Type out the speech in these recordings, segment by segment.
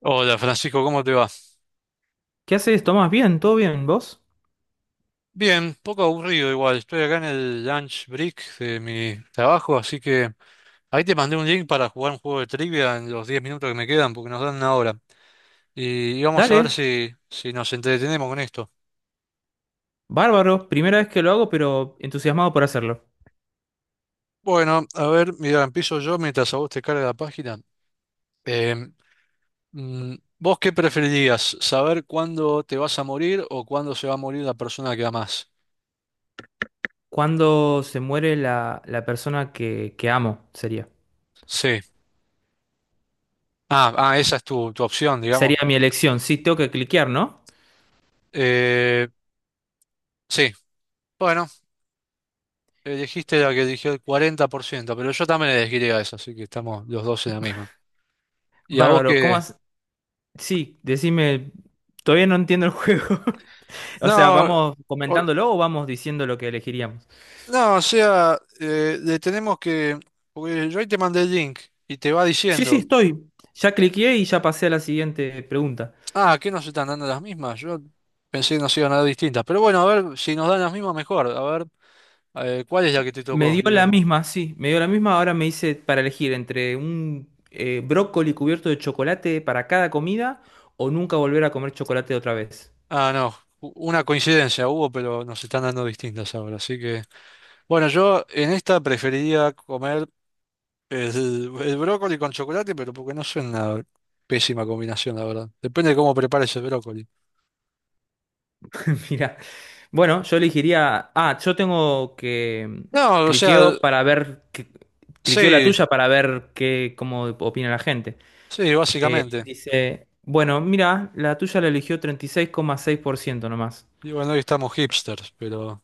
Hola Francisco, ¿cómo te va? ¿Qué haces, Tomás? Bien, todo bien, ¿vos? Bien, poco aburrido igual, estoy acá en el lunch break de mi trabajo, así que ahí te mandé un link para jugar un juego de trivia en los 10 minutos que me quedan, porque nos dan 1 hora. Y vamos a Dale, ver si nos entretenemos con esto. bárbaro, primera vez que lo hago, pero entusiasmado por hacerlo. Bueno, a ver, mira, empiezo yo mientras a vos te carga la página. Em, mm, ¿Vos qué preferirías? ¿Saber cuándo te vas a morir o cuándo se va a morir la persona que amás? ¿Cuándo se muere la persona que amo? Sería. Sí. Ah, esa es tu opción, digamos. Sería mi elección, sí, tengo que cliquear, ¿no? Eh, sí. Bueno, dijiste la que eligió el 40%, pero yo también elegiría eso, así que estamos los dos en la misma. ¿Y a vos Bárbaro, ¿cómo que has... Sí, decime, todavía no entiendo el juego. O sea, No, ¿vamos o- comentándolo o vamos diciendo lo que elegiríamos? no, o sea, le tenemos que... Porque yo ahí te mandé el link y te va Sí, sí, diciendo, estoy. Ya cliqueé y ya pasé a la siguiente pregunta. ah, ¿qué nos están dando las mismas? Yo pensé que nos iban a dar distintas, pero bueno, a ver, si nos dan las mismas, mejor. A ver, ¿cuál es la que te Me tocó? dio Y la vemos. misma, sí, me dio la misma. Ahora me hice para elegir entre un brócoli cubierto de chocolate para cada comida o nunca volver a comer chocolate otra vez. Ah, no, una coincidencia hubo, pero nos están dando distintas ahora, así que... Bueno, yo en esta preferiría comer. Es el brócoli con chocolate, pero porque no suena una pésima combinación, la verdad. Depende de cómo prepares el brócoli. Mira, bueno, yo elegiría. Ah, yo tengo que No, o cliqueo sea, para ver. Cliqueo la sí, tuya para ver qué, cómo opina la gente. sí, básicamente. Dice, bueno, mira, la tuya la eligió 36,6% nomás. Y bueno, hoy estamos hipsters, pero...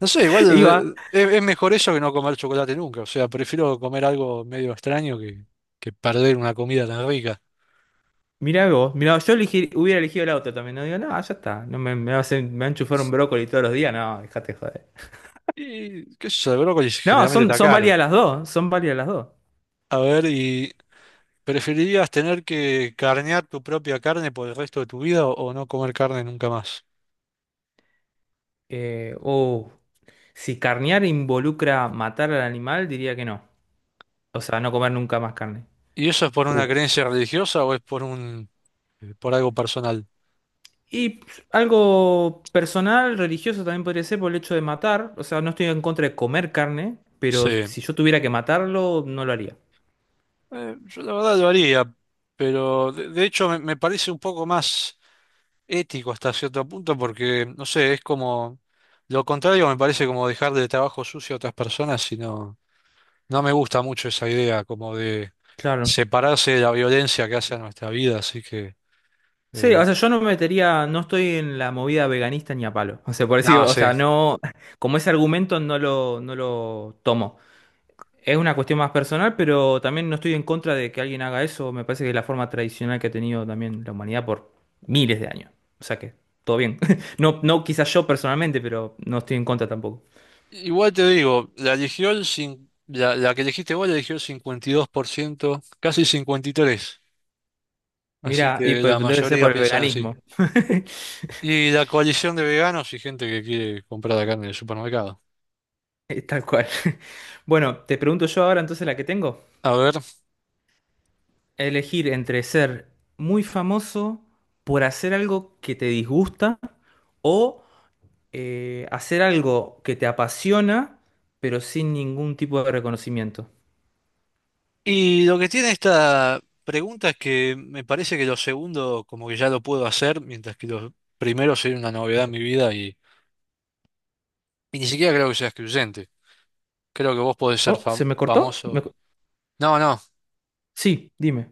No sé, igual Iba. Es mejor eso que no comer chocolate nunca. O sea, prefiero comer algo medio extraño que perder una comida tan rica. Mirá vos, mirá vos, yo hubiera elegido el auto también. No digo, no, ya está. No me, me va a hacer- me va a enchufar un brócoli todos los días. No, dejate de joder. Y qué sé yo, el brócoli No, generalmente son, está son caro. válidas las dos. Son válidas las dos. A ver, ¿y preferirías tener que carnear tu propia carne por el resto de tu vida o no comer carne nunca más? Eh, oh, si carnear involucra matar al animal, diría que no. O sea, no comer nunca más carne. ¿Y eso es por una Uh. creencia religiosa o es por un, por algo personal? Y pues, algo personal, religioso también podría ser por el hecho de matar. O sea, no estoy en contra de comer carne, Sí. pero si yo tuviera que matarlo, no lo haría. Yo la verdad lo haría, pero de hecho me, me parece un poco más ético hasta cierto punto porque, no sé, es como, lo contrario me parece como dejarle trabajo sucio a otras personas y no, no me gusta mucho esa idea como de Claro. separarse de la violencia que hace a nuestra vida, así que, Sí, o eh, sea, yo no me metería, no estoy en la movida veganista ni a palo. O sea, por decir, nada, o sí. sea, no, como ese argumento no lo tomo. Es una cuestión más personal, pero también no estoy en contra de que alguien haga eso. Me parece que es la forma tradicional que ha tenido también la humanidad por miles de años. O sea que todo bien. No, no quizás yo personalmente, pero no estoy en contra tampoco. Igual te digo, la eligió el la, la que elegiste vos la eligió el 52%, casi 53%. Así Mira, y que pues la debe ser mayoría por el piensan así. veganismo. Y la coalición de veganos y gente que quiere comprar la carne en el supermercado. Tal cual. Bueno, te pregunto yo ahora entonces la que tengo. A ver. Elegir entre ser muy famoso por hacer algo que te disgusta o hacer algo que te apasiona, pero sin ningún tipo de reconocimiento. Y lo que tiene esta pregunta es que me parece que lo segundo como que ya lo puedo hacer, mientras que los primeros sería una novedad en mi vida y ni siquiera creo que sea excluyente. Creo que vos podés ser Oh, ¿se me cortó? Famoso. No, no. Sí, dime.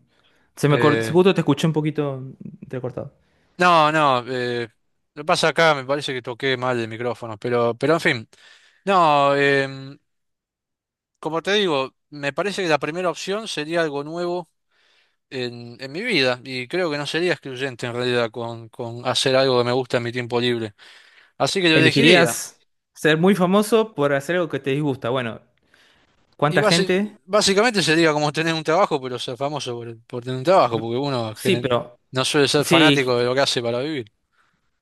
Se me cortó, eh, justo te escuché un poquito entrecortado. no, no. Lo que pasa acá me parece que toqué mal el micrófono, pero en fin. No, como te digo, me parece que la primera opción sería algo nuevo en mi vida y creo que no sería excluyente en realidad con hacer algo que me gusta en mi tiempo libre. Así que lo elegiría. ¿Elegirías ser muy famoso por hacer algo que te disgusta? Bueno, Y ¿cuánta gente? Básicamente sería como tener un trabajo, pero ser famoso por tener un trabajo, B- porque uno Sí, pero no suele ser sí, fanático de lo que hace para vivir.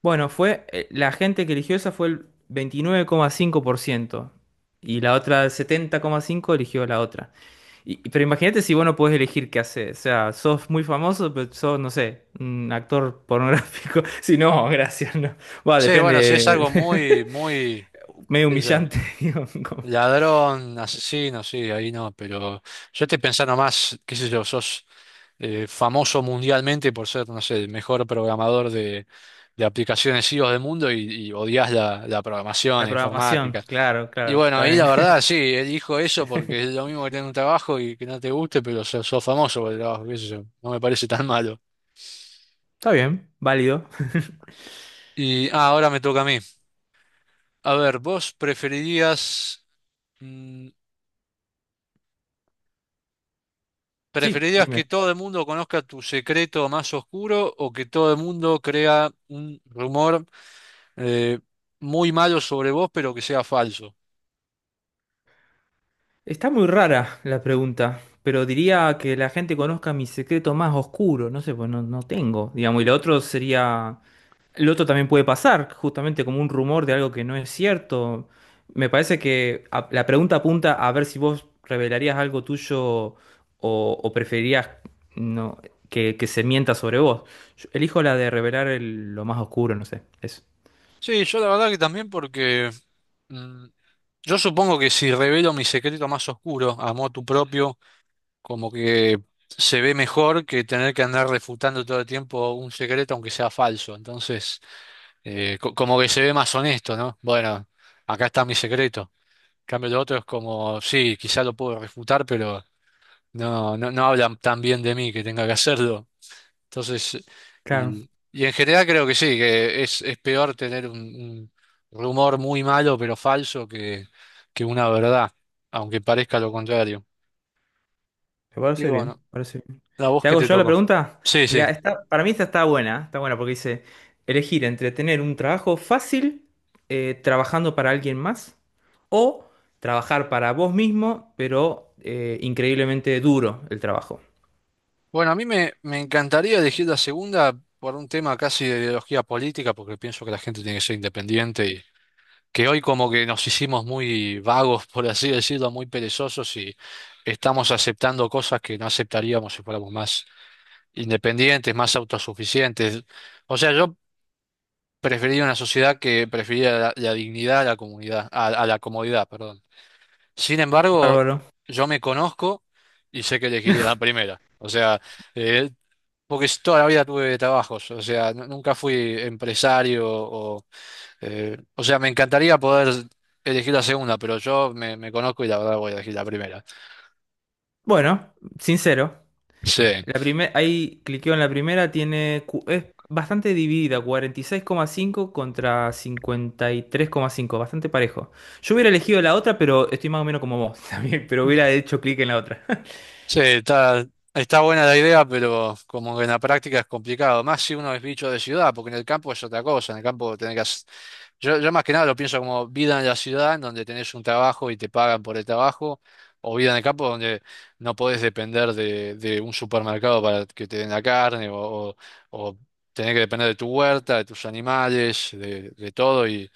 bueno, fue la gente que eligió esa fue el 29,5% y la otra el 70,5% eligió la otra. Pero imagínate si vos no podés elegir qué hacer. O sea, sos muy famoso, pero sos, no sé, un actor pornográfico. Si no, gracias, no. Va, Sí, bueno, si depende. es algo muy, muy, Medio qué sé yo, humillante, digo, como... ladrón, asesino, sí, ahí no, pero yo estoy pensando más, qué sé yo, sos famoso mundialmente por ser, no sé, el mejor programador de aplicaciones iOS del mundo y odias la, la programación, La la programación, informática. claro, Y claro, bueno, está ahí bien. la verdad, sí, él dijo eso porque es lo mismo que tener un trabajo y que no te guste, pero sos, sos famoso por el trabajo, qué sé yo, no me parece tan malo. Está bien, válido. Y ahora me toca a mí. A ver, ¿vos preferirías, mm, Sí, preferirías que dime. todo el mundo conozca tu secreto más oscuro o que todo el mundo crea un rumor eh, muy malo sobre vos, pero que sea falso? Está muy rara la pregunta, pero diría que la gente conozca mi secreto más oscuro, no sé, pues no, no tengo, digamos, y lo otro sería, lo otro también puede pasar, justamente como un rumor de algo que no es cierto. Me parece que la pregunta apunta a ver si vos revelarías algo tuyo o preferirías no, que se mienta sobre vos. Yo elijo la de lo más oscuro, no sé, eso. Sí, yo la verdad que también porque mm, yo supongo que si revelo mi secreto más oscuro a motu propio, como que se ve mejor que tener que andar refutando todo el tiempo un secreto aunque sea falso. Entonces, como que se ve más honesto, ¿no? Bueno, acá está mi secreto. En cambio, lo otro es como, sí, quizá lo puedo refutar, pero no, no, no hablan tan bien de mí que tenga que hacerlo. Entonces, Claro. y en general creo que sí, que es peor tener un rumor muy malo pero falso que una verdad, aunque parezca lo contrario. Me Y parece bien, bueno, parece bien. la voz ¿Te que hago te yo la tocó. pregunta? Sí, sí. Mira, esta, para mí esta está buena porque dice elegir entre tener un trabajo fácil, trabajando para alguien más, o trabajar para vos mismo, pero increíblemente duro el trabajo. Bueno, a mí me, me encantaría elegir la segunda por un tema casi de ideología política, porque pienso que la gente tiene que ser independiente y que hoy como que nos hicimos muy vagos, por así decirlo, muy perezosos y estamos aceptando cosas que no aceptaríamos si fuéramos más independientes, más autosuficientes. O sea, yo preferiría una sociedad que preferiría la, la dignidad a la comunidad, a la comodidad, perdón. Sin embargo, Bárbaro. yo me conozco y sé que elegiría la primera. O sea, eh, porque toda la vida tuve trabajos, o sea, nunca fui empresario o sea, me encantaría poder elegir la segunda, pero yo me, me conozco y la verdad voy a elegir la primera. Bueno, sincero. Sí. La primer, ahí cliqueo en la primera, tiene, es bastante dividida, 46,5 contra 53,5, bastante parejo. Yo hubiera elegido la otra, pero estoy más o menos como vos también, pero hubiera hecho clic en la otra. Sí, está, está buena la idea, pero como que en la práctica es complicado. Más si uno es bicho de ciudad, porque en el campo es otra cosa. En el campo tenés que hacer. Yo más que nada lo pienso como vida en la ciudad, en donde tenés un trabajo y te pagan por el trabajo, o vida en el campo donde no podés depender de un supermercado para que te den la carne, o tenés que depender de tu huerta, de tus animales, de todo. Y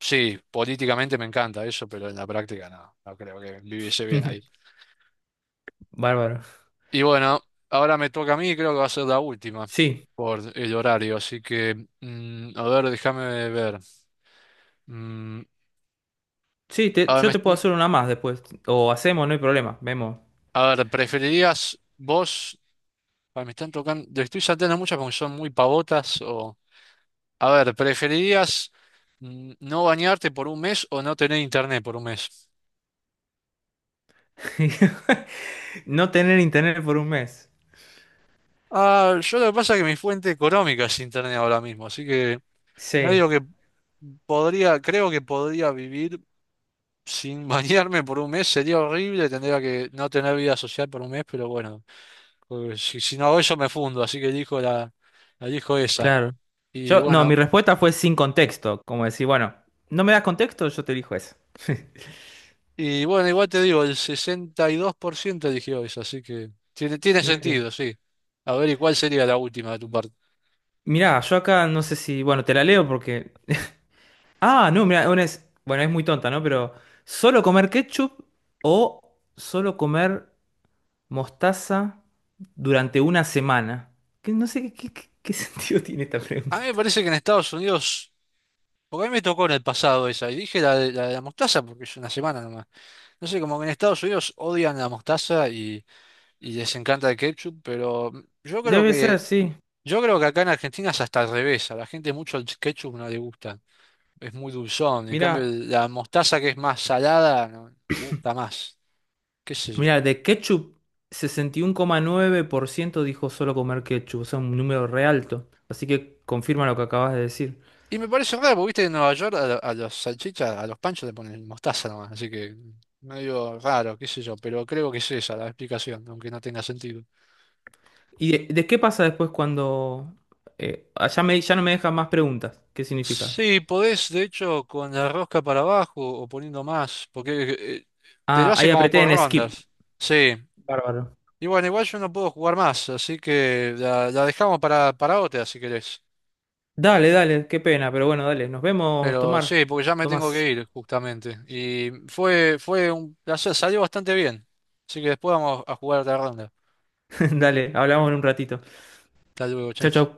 sí, políticamente me encanta eso, pero en la práctica no, no creo que viviese bien ahí. Bárbaro. Y bueno, ahora me toca a mí, creo que va a ser la última Sí, por el horario, así que, a ver, déjame ver. Mm, sí, a ver, me- yo te puedo est- hacer una más después, o hacemos, no hay problema, vemos. a ver, ¿preferirías vos? Ay, me están tocando, le estoy saltando muchas porque son muy pavotas o... A ver, ¿preferirías no bañarte por 1 mes o no tener internet por 1 mes? No tener internet por un mes. Ah, yo lo que pasa es que mi fuente económica es internet ahora mismo, así que Sí, medio que podría, creo que podría vivir. Sin bañarme por un mes sería horrible, tendría que no tener vida social por 1 mes, pero bueno, si, si no hago eso me fundo, así que elijo la, la elijo esa. claro. Y Yo, no, mi bueno, respuesta fue sin contexto, como decir, bueno, no me das contexto, yo te elijo eso. y bueno, igual te digo, el 62% eligió esa, así que tiene, tiene Mira que... sentido, sí. A ver, ¿y cuál sería la última de tu parte? Mirá, yo acá no sé si. Bueno, te la leo porque. Ah, no, mirá, una es. Bueno, es muy tonta, ¿no? Pero. ¿Solo comer ketchup o solo comer mostaza durante una semana? Que no sé qué, qué sentido tiene esta A mí me pregunta. parece que en Estados Unidos, porque a mí me tocó en el pasado esa, y dije la de la, de la mostaza porque es 1 semana nomás. No sé, como que en Estados Unidos odian la mostaza y les encanta el ketchup, pero yo creo Debe ser, que. sí. Yo creo que acá en Argentina es hasta al revés, a la gente mucho el ketchup no le gusta, es muy dulzón, en cambio Mirá, la mostaza que es más salada no, gusta más, qué sé yo. mirá, de ketchup, 61,9% dijo solo comer ketchup. O sea, un número re alto. Así que confirma lo que acabas de decir. Y me parece raro, porque viste que en Nueva York a, a los salchichas, a los panchos le ponen mostaza nomás, así que medio raro, qué sé yo, pero creo que es esa la explicación, aunque no tenga sentido. ¿Y de qué pasa después cuando ya me, ya no me dejan más preguntas? ¿Qué significa? Sí, podés, de hecho, con la rosca para abajo o poniendo más, porque eh, te lo Ah, hace ahí como apreté por en skip. rondas. Sí. Bárbaro. Y bueno, igual yo no puedo jugar más, así que la dejamos para otra si querés. Dale, dale, qué pena, pero bueno, dale. Nos vemos, Pero Tomar. sí, porque ya me tengo Tomás. que ir, justamente. Y fue, fue un placer, salió bastante bien. Así que después vamos a jugar otra ronda. Dale, hablamos en un ratito. Hasta luego, che. Chau, chau.